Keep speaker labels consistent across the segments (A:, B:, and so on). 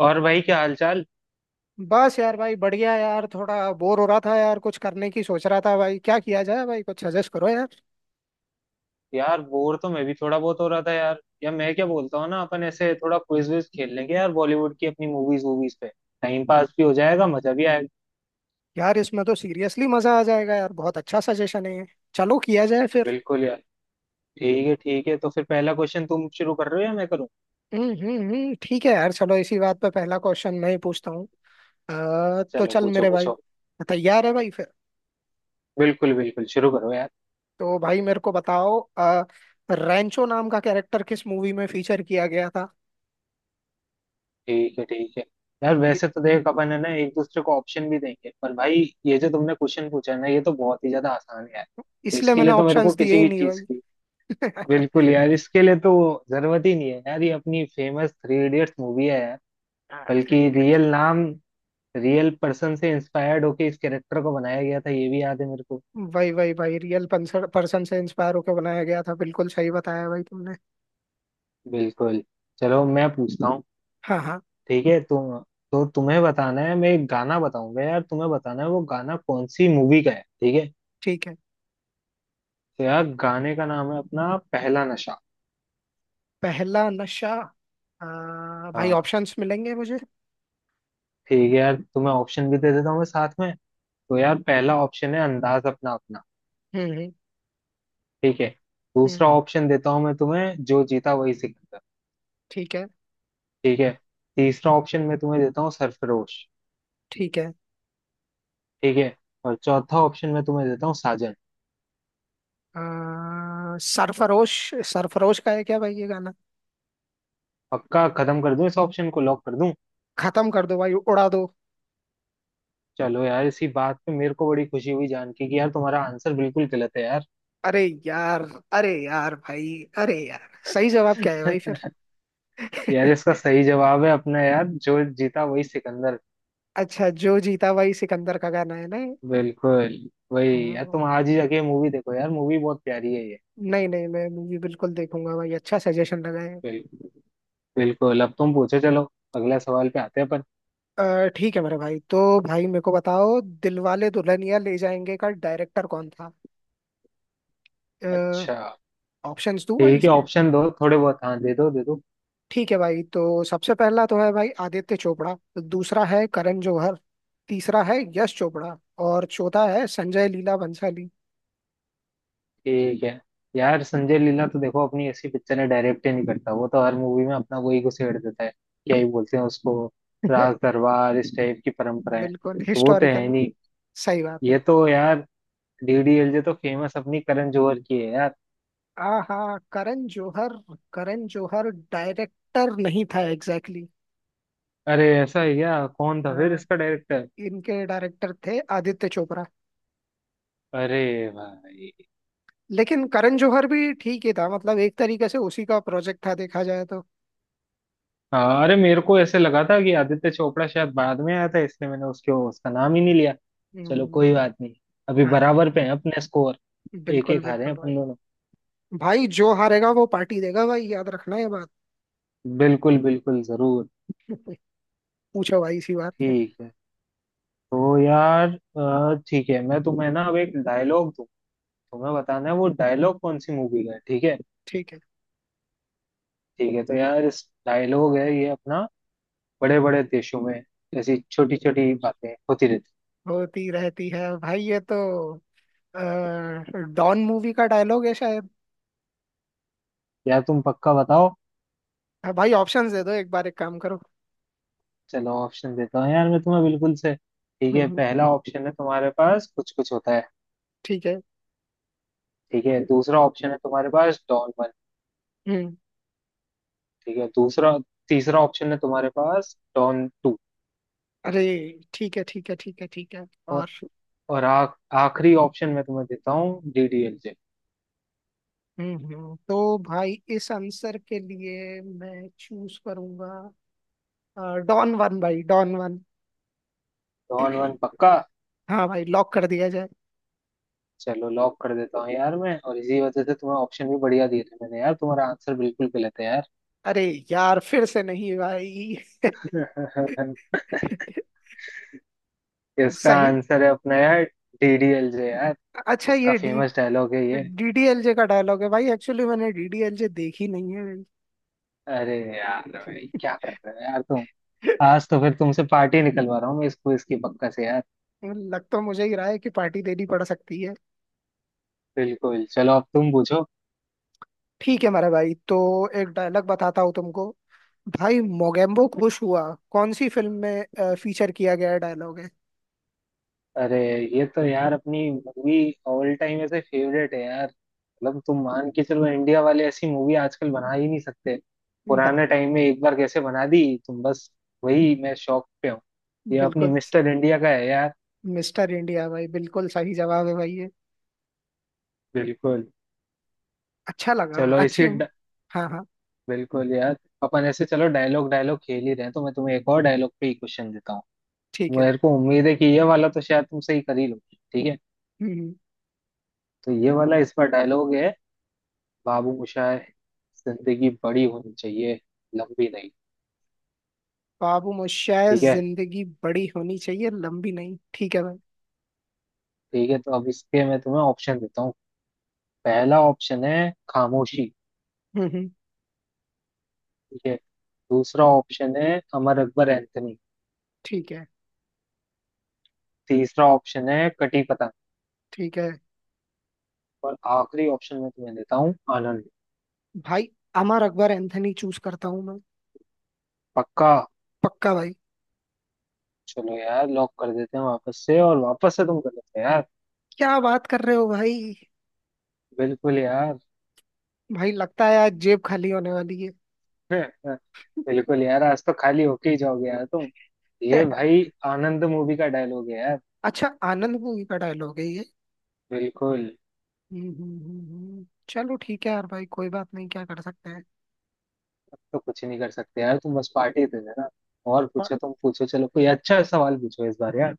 A: और भाई क्या हालचाल।
B: बस यार भाई बढ़िया यार थोड़ा बोर हो रहा था यार। कुछ करने की सोच रहा था भाई, क्या किया जाए भाई? कुछ सजेस्ट करो यार।
A: यार बोर तो मैं भी थोड़ा बहुत हो रहा था यार। या मैं क्या बोलता हूँ ना, अपन ऐसे थोड़ा क्विज विज खेल लेंगे यार, बॉलीवुड की अपनी मूवीज वूवीज पे। टाइम पास भी हो जाएगा, मजा भी आएगा।
B: यार इसमें तो सीरियसली मजा आ जाएगा यार, बहुत अच्छा सजेशन है ये। चलो किया जाए फिर।
A: बिल्कुल यार। ठीक है ठीक है, तो फिर पहला क्वेश्चन तुम शुरू कर रहे हो या मैं करूँ?
B: ठीक है यार, चलो इसी बात पे पहला क्वेश्चन मैं ही पूछता हूँ। तो
A: चलो
B: चल
A: पूछो
B: मेरे भाई।
A: पूछो।
B: तैयार है भाई फिर?
A: बिल्कुल बिल्कुल, शुरू करो यार।
B: तो भाई मेरे को बताओ, रैंचो नाम का कैरेक्टर किस मूवी में फीचर किया गया था?
A: ठीक है ठीक है। यार
B: इ-
A: वैसे तो देख अपन है ना एक दूसरे को ऑप्शन भी देंगे, पर भाई ये जो तुमने क्वेश्चन पूछा है ना, ये तो बहुत ही ज्यादा आसान है यार। तो
B: इसलिए
A: इसके
B: मैंने
A: लिए तो मेरे
B: ऑप्शंस
A: को
B: दिए
A: किसी
B: ही
A: भी
B: नहीं
A: चीज
B: भाई।
A: की, बिल्कुल यार इसके लिए तो जरूरत ही नहीं है यार। ये अपनी फेमस थ्री इडियट्स मूवी है यार।
B: थ्री।
A: बल्कि रियल नाम, रियल पर्सन से इंस्पायर्ड होके इस कैरेक्टर को बनाया गया था, ये भी याद है मेरे को।
B: वही वही भाई, रियल पर्सन से इंस्पायर होकर बनाया गया था, बिल्कुल सही बताया भाई तुमने।
A: बिल्कुल। चलो मैं पूछता हूँ।
B: हाँ हाँ।
A: ठीक है तुम, तो तुम्हें बताना है, मैं एक गाना बताऊंगा यार, तुम्हें बताना है वो गाना कौन सी मूवी का है, ठीक है?
B: ठीक है।
A: तो यार गाने का नाम है अपना पहला नशा।
B: पहला नशा। आ, भाई
A: हाँ,
B: ऑप्शंस मिलेंगे मुझे?
A: ठीक है यार तुम्हें ऑप्शन भी दे देता हूँ मैं साथ में। तो यार पहला ऑप्शन है अंदाज अपना अपना।
B: हम्म हम्म
A: ठीक है।
B: हम्म,
A: दूसरा ऑप्शन देता हूँ मैं तुम्हें, जो जीता वही सिकंदर।
B: ठीक है।
A: ठीक है। तीसरा ऑप्शन मैं तुम्हें देता हूँ सरफरोश।
B: ठीक है।
A: ठीक है। और चौथा ऑप्शन मैं तुम्हें देता हूँ साजन।
B: आ, सरफरोश। सरफरोश का है क्या भाई ये गाना?
A: पक्का? खत्म कर दूं? इस ऑप्शन को लॉक कर दूं?
B: खत्म कर दो भाई, उड़ा दो।
A: चलो यार इसी बात पे मेरे को बड़ी खुशी हुई जान के कि यार तुम्हारा आंसर बिल्कुल गलत है यार।
B: अरे यार! अरे यार भाई, अरे यार सही जवाब क्या है भाई फिर?
A: यार इसका सही जवाब है अपना यार जो जीता वही सिकंदर।
B: अच्छा जो जीता भाई, सिकंदर का गाना है ना ये?
A: बिल्कुल। वही यार, तुम
B: हम्म,
A: आज ही जाके मूवी देखो यार, मूवी बहुत प्यारी है ये।
B: नहीं नहीं मैं मूवी बिल्कुल देखूंगा भाई, अच्छा सजेशन लगाए।
A: बिल्कुल। बिल्कुल अब तुम पूछो, चलो अगला सवाल पे आते हैं अपन।
B: ठीक है मेरे भाई, तो भाई मेरे को बताओ दिलवाले दुल्हनिया ले जाएंगे का डायरेक्टर कौन था?
A: अच्छा।
B: ऑप्शंस दूं भाई
A: ठीक है,
B: इसके?
A: ऑप्शन दो थोड़े बहुत, हाँ दे दो दे दो।
B: ठीक है भाई, तो सबसे पहला तो है भाई आदित्य चोपड़ा। दूसरा है करण जौहर। तीसरा है यश चोपड़ा। और चौथा है संजय लीला भंसाली।
A: ठीक है। यार संजय लीला तो देखो, अपनी ऐसी पिक्चर है डायरेक्ट ही नहीं करता, वो तो हर मूवी में अपना वही घुसेड़ देता है, क्या ही बोलते हैं उसको, राज दरबार इस टाइप की परंपराएं।
B: बिल्कुल
A: तो वो तो है
B: हिस्टोरिकल।
A: नहीं।
B: सही बात है।
A: ये तो यार डीडीएलजे तो फेमस अपनी करण जौहर की है यार।
B: आहा करण जौहर। करण जौहर डायरेक्टर नहीं था एग्जैक्टली exactly।
A: अरे ऐसा है क्या? कौन था फिर
B: हाँ,
A: इसका डायरेक्टर?
B: इनके डायरेक्टर थे आदित्य चोपड़ा।
A: अरे भाई!
B: लेकिन करण जौहर भी ठीक ही था, मतलब एक तरीके से उसी का प्रोजेक्ट था देखा जाए तो।
A: हाँ, अरे मेरे को ऐसे लगा था कि आदित्य चोपड़ा शायद बाद में आया था, इसलिए मैंने उसके उसका नाम ही नहीं लिया। चलो
B: हम्म।
A: कोई बात नहीं। अभी
B: हाँ हाँ,
A: बराबर पे हैं अपने स्कोर। एक
B: बिल्कुल
A: एक हारे हैं
B: बिल्कुल भाई।
A: अपन दोनों।
B: भाई जो हारेगा वो पार्टी देगा भाई, याद रखना ये बात।
A: बिल्कुल बिल्कुल, जरूर।
B: पूछो भाई इसी बात पे।
A: ठीक है, तो यार ठीक है मैं तुम्हें ना अब एक डायलॉग दूं, तुम्हें बताना है वो डायलॉग कौन सी मूवी का है, ठीक है?
B: ठीक है।
A: ठीक है तो यार इस डायलॉग है ये अपना, बड़े बड़े देशों में ऐसी छोटी छोटी बातें होती रहती
B: होती रहती है भाई ये तो। अ, डॉन मूवी का डायलॉग है शायद।
A: हैं। यार तुम पक्का बताओ?
B: हाँ, भाई ऑप्शंस दे दो एक बार, एक काम करो।
A: चलो ऑप्शन देता हूँ यार मैं तुम्हें बिल्कुल से। ठीक है,
B: हम्म,
A: पहला ऑप्शन है तुम्हारे पास कुछ कुछ होता है।
B: ठीक है।
A: ठीक है, दूसरा ऑप्शन है तुम्हारे पास डॉन वन।
B: हम्म।
A: ठीक है। दूसरा, तीसरा ऑप्शन है तुम्हारे पास डॉन टू।
B: अरे ठीक है ठीक है ठीक है ठीक है,
A: और
B: और?
A: और आखिरी ऑप्शन मैं तुम्हें देता हूँ डीडीएलजे।
B: तो भाई इस आंसर के लिए मैं चूज करूंगा डॉन वन भाई, डॉन वन।
A: डॉन वन, पक्का?
B: हाँ भाई, लॉक कर दिया जाए।
A: चलो लॉक कर देता हूँ यार मैं, और इसी वजह से तुम्हें ऑप्शन भी बढ़िया दिए थे मैंने, यार तुम्हारा आंसर बिल्कुल गलत है यार।
B: अरे यार, फिर से नहीं भाई!
A: इसका
B: सही।
A: आंसर है अपना यार डीडीएलजे यार।
B: अच्छा
A: उसका
B: ये डी,
A: फेमस डायलॉग है ये।
B: डीडीएलजे का डायलॉग है भाई? एक्चुअली मैंने डीडीएलजे देखी नहीं है भाई।
A: अरे यार भाई क्या कर रहे हो यार तुम। आज तो फिर तुमसे पार्टी निकलवा रहा हूँ मैं इस क्विज की पक्का से यार।
B: लग तो मुझे ही रहा है कि पार्टी देनी पड़ सकती है।
A: बिल्कुल, चलो अब तुम पूछो।
B: ठीक है मेरा भाई, तो एक डायलॉग बताता हूँ तुमको। भाई मोगेम्बो खुश हुआ, कौन सी फिल्म में फीचर किया गया डायलॉग है?
A: अरे ये तो यार अपनी मूवी ऑल टाइम ऐसे फेवरेट है यार, मतलब तुम मान के चलो इंडिया वाले ऐसी मूवी आजकल बना ही नहीं सकते।
B: बना।
A: पुराने टाइम में एक बार कैसे बना दी तुम बस। वही मैं शौक पे हूँ। ये अपनी
B: बिल्कुल।
A: मिस्टर इंडिया का है यार।
B: मिस्टर इंडिया भाई, बिल्कुल सही जवाब है भाई ये।
A: बिल्कुल।
B: अच्छा लगा,
A: चलो
B: अच्छी।
A: इसी ड...
B: हाँ हाँ।
A: बिल्कुल यार। अपन ऐसे चलो डायलॉग डायलॉग खेल ही रहे हैं, तो मैं तुम्हें एक और डायलॉग पे ही क्वेश्चन देता
B: ठीक
A: हूँ।
B: है।
A: मेरे को उम्मीद है कि ये वाला तो शायद तुम सही कर ही लोगे, ठीक है?
B: हम्म।
A: तो ये वाला इस पर डायलॉग है, बाबू मोशाय, जिंदगी बड़ी होनी चाहिए, लंबी नहीं।
B: बाबू मोशाय
A: ठीक है।
B: जिंदगी बड़ी होनी चाहिए लंबी नहीं, ठीक है भाई।
A: ठीक है तो अब इसके मैं तुम्हें ऑप्शन देता हूँ। पहला ऑप्शन है खामोशी।
B: हम्म हम्म,
A: ठीक है। दूसरा ऑप्शन है अमर अकबर एंथनी।
B: ठीक है।
A: तीसरा ऑप्शन है कटी पतंग।
B: ठीक है
A: और आखिरी ऑप्शन मैं तुम्हें देता हूँ आनंद।
B: भाई, अमर अकबर एंथनी चूज करता हूँ मैं।
A: पक्का?
B: पक्का भाई।
A: चलो यार लॉक कर देते हैं वापस से, और वापस से तुम कर देते हो यार।
B: क्या बात कर रहे हो भाई?
A: बिल्कुल यार।
B: भाई लगता है आज जेब खाली होने वाली है।
A: बिल्कुल यार आज तो खाली होके ही जाओगे यार तुम। ये भाई आनंद मूवी का डायलॉग है यार।
B: अच्छा आनंद मूवी का डायलॉग है ये।
A: बिल्कुल।
B: चलो ठीक है यार भाई, कोई बात नहीं, क्या कर सकते हैं।
A: अब तो कुछ नहीं कर सकते यार तुम, बस पार्टी दे देना। और
B: पर,
A: पूछो, तुम पूछो चलो, कोई अच्छा सवाल पूछो इस बार यार।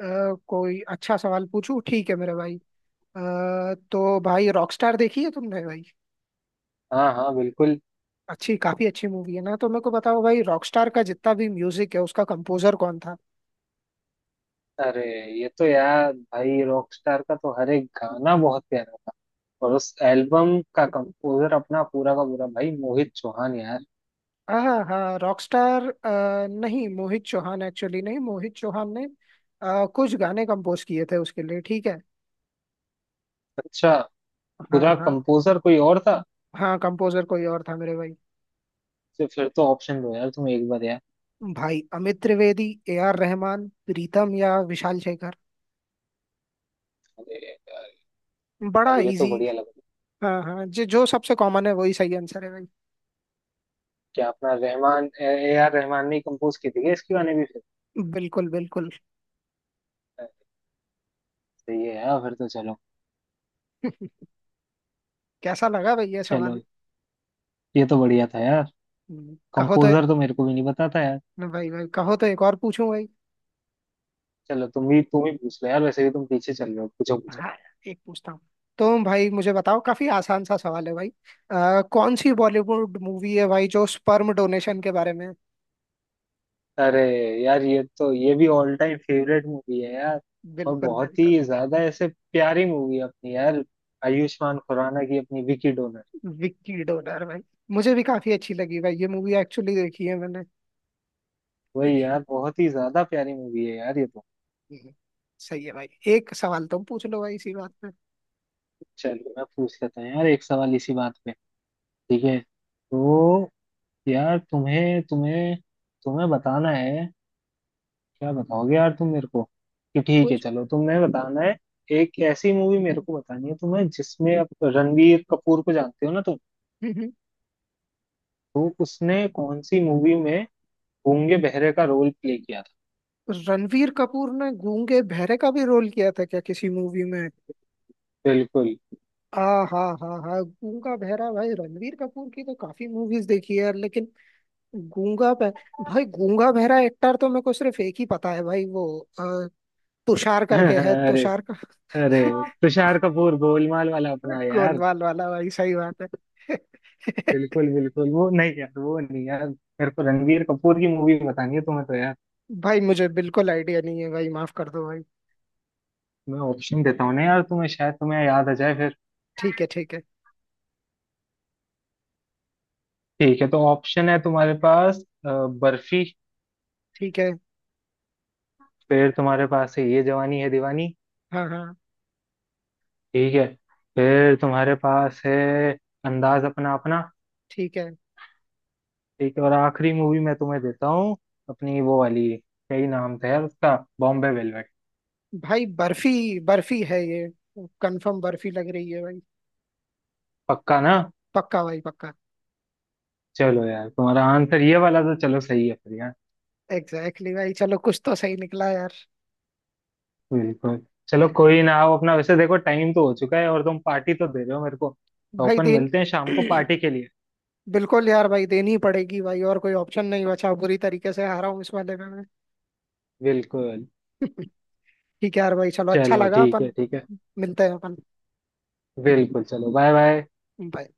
B: कोई अच्छा सवाल पूछूं? ठीक है मेरे भाई। अ, तो भाई, रॉकस्टार देखी है तुमने भाई?
A: हाँ हाँ बिल्कुल।
B: अच्छी काफी अच्छी मूवी है ना, तो मेरे को बताओ भाई, रॉकस्टार का जितना भी म्यूजिक है उसका कंपोजर कौन था?
A: अरे ये तो यार भाई रॉकस्टार का तो हर एक गाना बहुत प्यारा था। और उस एल्बम का कंपोजर अपना पूरा का पूरा भाई मोहित चौहान यार।
B: हाँ हाँ, रॉकस्टार। नहीं मोहित चौहान, एक्चुअली नहीं, मोहित चौहान ने कुछ गाने कंपोज किए थे उसके लिए, ठीक है।
A: अच्छा,
B: हाँ
A: पूरा
B: हाँ।
A: कंपोजर कोई और था?
B: हाँ कंपोजर कोई और था मेरे भाई।
A: तो फिर तो ऑप्शन दो यार तुम एक बार यार।
B: भाई अमित त्रिवेदी, ए आर रहमान, प्रीतम या विशाल शेखर।
A: अरे
B: बड़ा
A: यार ये तो
B: इजी।
A: बढ़िया लग रहा है।
B: हाँ हाँ, जो जो सबसे कॉमन है वही सही आंसर है भाई।
A: कि अपना रहमान, ए आर रहमान ने कंपोज की थी क्या इसकी गाने भी फिर?
B: बिल्कुल बिल्कुल।
A: सही है यार फिर तो, चलो।
B: कैसा लगा भाई ये सवाल?
A: चलो ये तो बढ़िया था यार।
B: कहो तो।
A: कंपोजर तो मेरे को भी नहीं पता था यार।
B: भाई भाई, कहो तो एक और पूछूं भाई?
A: चलो तुम भी, तुम ही पूछ लो यार, वैसे भी तुम पीछे चल रहे हो, पूछो पूछो।
B: हाँ एक पूछता हूँ। तो भाई मुझे बताओ, काफी आसान सा सवाल है भाई। आ, कौन सी बॉलीवुड मूवी है भाई जो स्पर्म डोनेशन के बारे में?
A: अरे यार ये तो, ये भी ऑल टाइम फेवरेट मूवी है यार। और
B: बिल्कुल
A: बहुत
B: बिल्कुल।
A: ही ज्यादा ऐसे प्यारी मूवी है अपनी यार, आयुष्मान खुराना की अपनी विकी डोनर।
B: विक्की डोनर भाई, मुझे भी काफी अच्छी लगी भाई ये मूवी, एक्चुअली देखी है मैंने।
A: वही यार बहुत ही ज्यादा प्यारी मूवी है यार ये तो।
B: हम्म, सही है भाई। एक सवाल तुम पूछ लो भाई इसी बात पे।
A: चलो मैं पूछ लेता हूँ यार एक सवाल इसी बात पे। ठीक है। तो यार तुम्हें तुम्हें तुम्हें बताना है, क्या बताओगे यार तुम मेरे को कि, ठीक है
B: कुछ।
A: चलो तुम्हें बताना है, एक ऐसी मूवी मेरे को बतानी है तुम्हें जिसमें, आप रणवीर कपूर को जानते हो ना तुम?
B: हम्म, हम्म।
A: तो उसने कौन सी मूवी में गूंगे बहरे का रोल प्ले किया था?
B: रणवीर कपूर ने गूंगे बहरे का भी रोल किया था क्या किसी मूवी में?
A: बिल्कुल।
B: आ, हाँ हाँ हाँ गूंगा बहरा, भाई रणवीर कपूर की तो काफी मूवीज देखी है लेकिन गूंगा भै भाई गूंगा बहरा एक्टर तो मेरे को सिर्फ एक ही पता है भाई, वो अ, तुषार करके है,
A: अरे!
B: तुषार का।
A: अरे तुषार कपूर गोलमाल वाला अपना यार।
B: गोलमाल वाला भाई, सही बात है।
A: बिल्कुल बिल्कुल वो नहीं यार, वो नहीं यार, मेरे को रणवीर कपूर की मूवी बतानी है तुम्हें तो।
B: भाई मुझे बिल्कुल आइडिया नहीं है भाई, माफ कर दो भाई।
A: मैं ऑप्शन देता हूँ ना यार तुम्हें, शायद तुम्हें याद आ जाए फिर।
B: ठीक है ठीक है
A: ठीक है, तो ऑप्शन है तुम्हारे पास अ, बर्फी।
B: ठीक है।
A: फिर तुम्हारे पास है ये जवानी है दीवानी।
B: हाँ हाँ।
A: ठीक है। फिर तुम्हारे पास है अंदाज अपना अपना।
B: ठीक है
A: ठीक है। और आखिरी मूवी मैं तुम्हें देता हूँ, अपनी वो वाली क्या ही नाम था यार उसका, बॉम्बे वेलवेट।
B: भाई, बर्फी, बर्फी है ये, कंफर्म बर्फी लग रही है भाई।
A: पक्का ना?
B: पक्का भाई, पक्का।
A: चलो यार तुम्हारा आंसर ये वाला तो चलो सही है फिर यार।
B: एग्जैक्टली exactly भाई, चलो कुछ तो सही निकला यार।
A: बिल्कुल। चलो कोई ना, आओ अपना, वैसे देखो टाइम तो हो चुका है और तुम पार्टी तो दे रहे हो मेरे को, तो
B: भाई
A: अपन
B: देन,
A: मिलते हैं शाम को पार्टी के लिए।
B: बिल्कुल यार भाई, देनी ही पड़ेगी भाई, और कोई ऑप्शन नहीं बचा, बुरी तरीके से हारा हूँ इस वाले में मैं।
A: बिल्कुल।
B: ठीक है यार भाई, चलो अच्छा
A: चलो
B: लगा
A: ठीक है
B: अपन
A: ठीक है।
B: मिलते हैं अपन।
A: बिल्कुल चलो, बाय बाय।
B: बाय।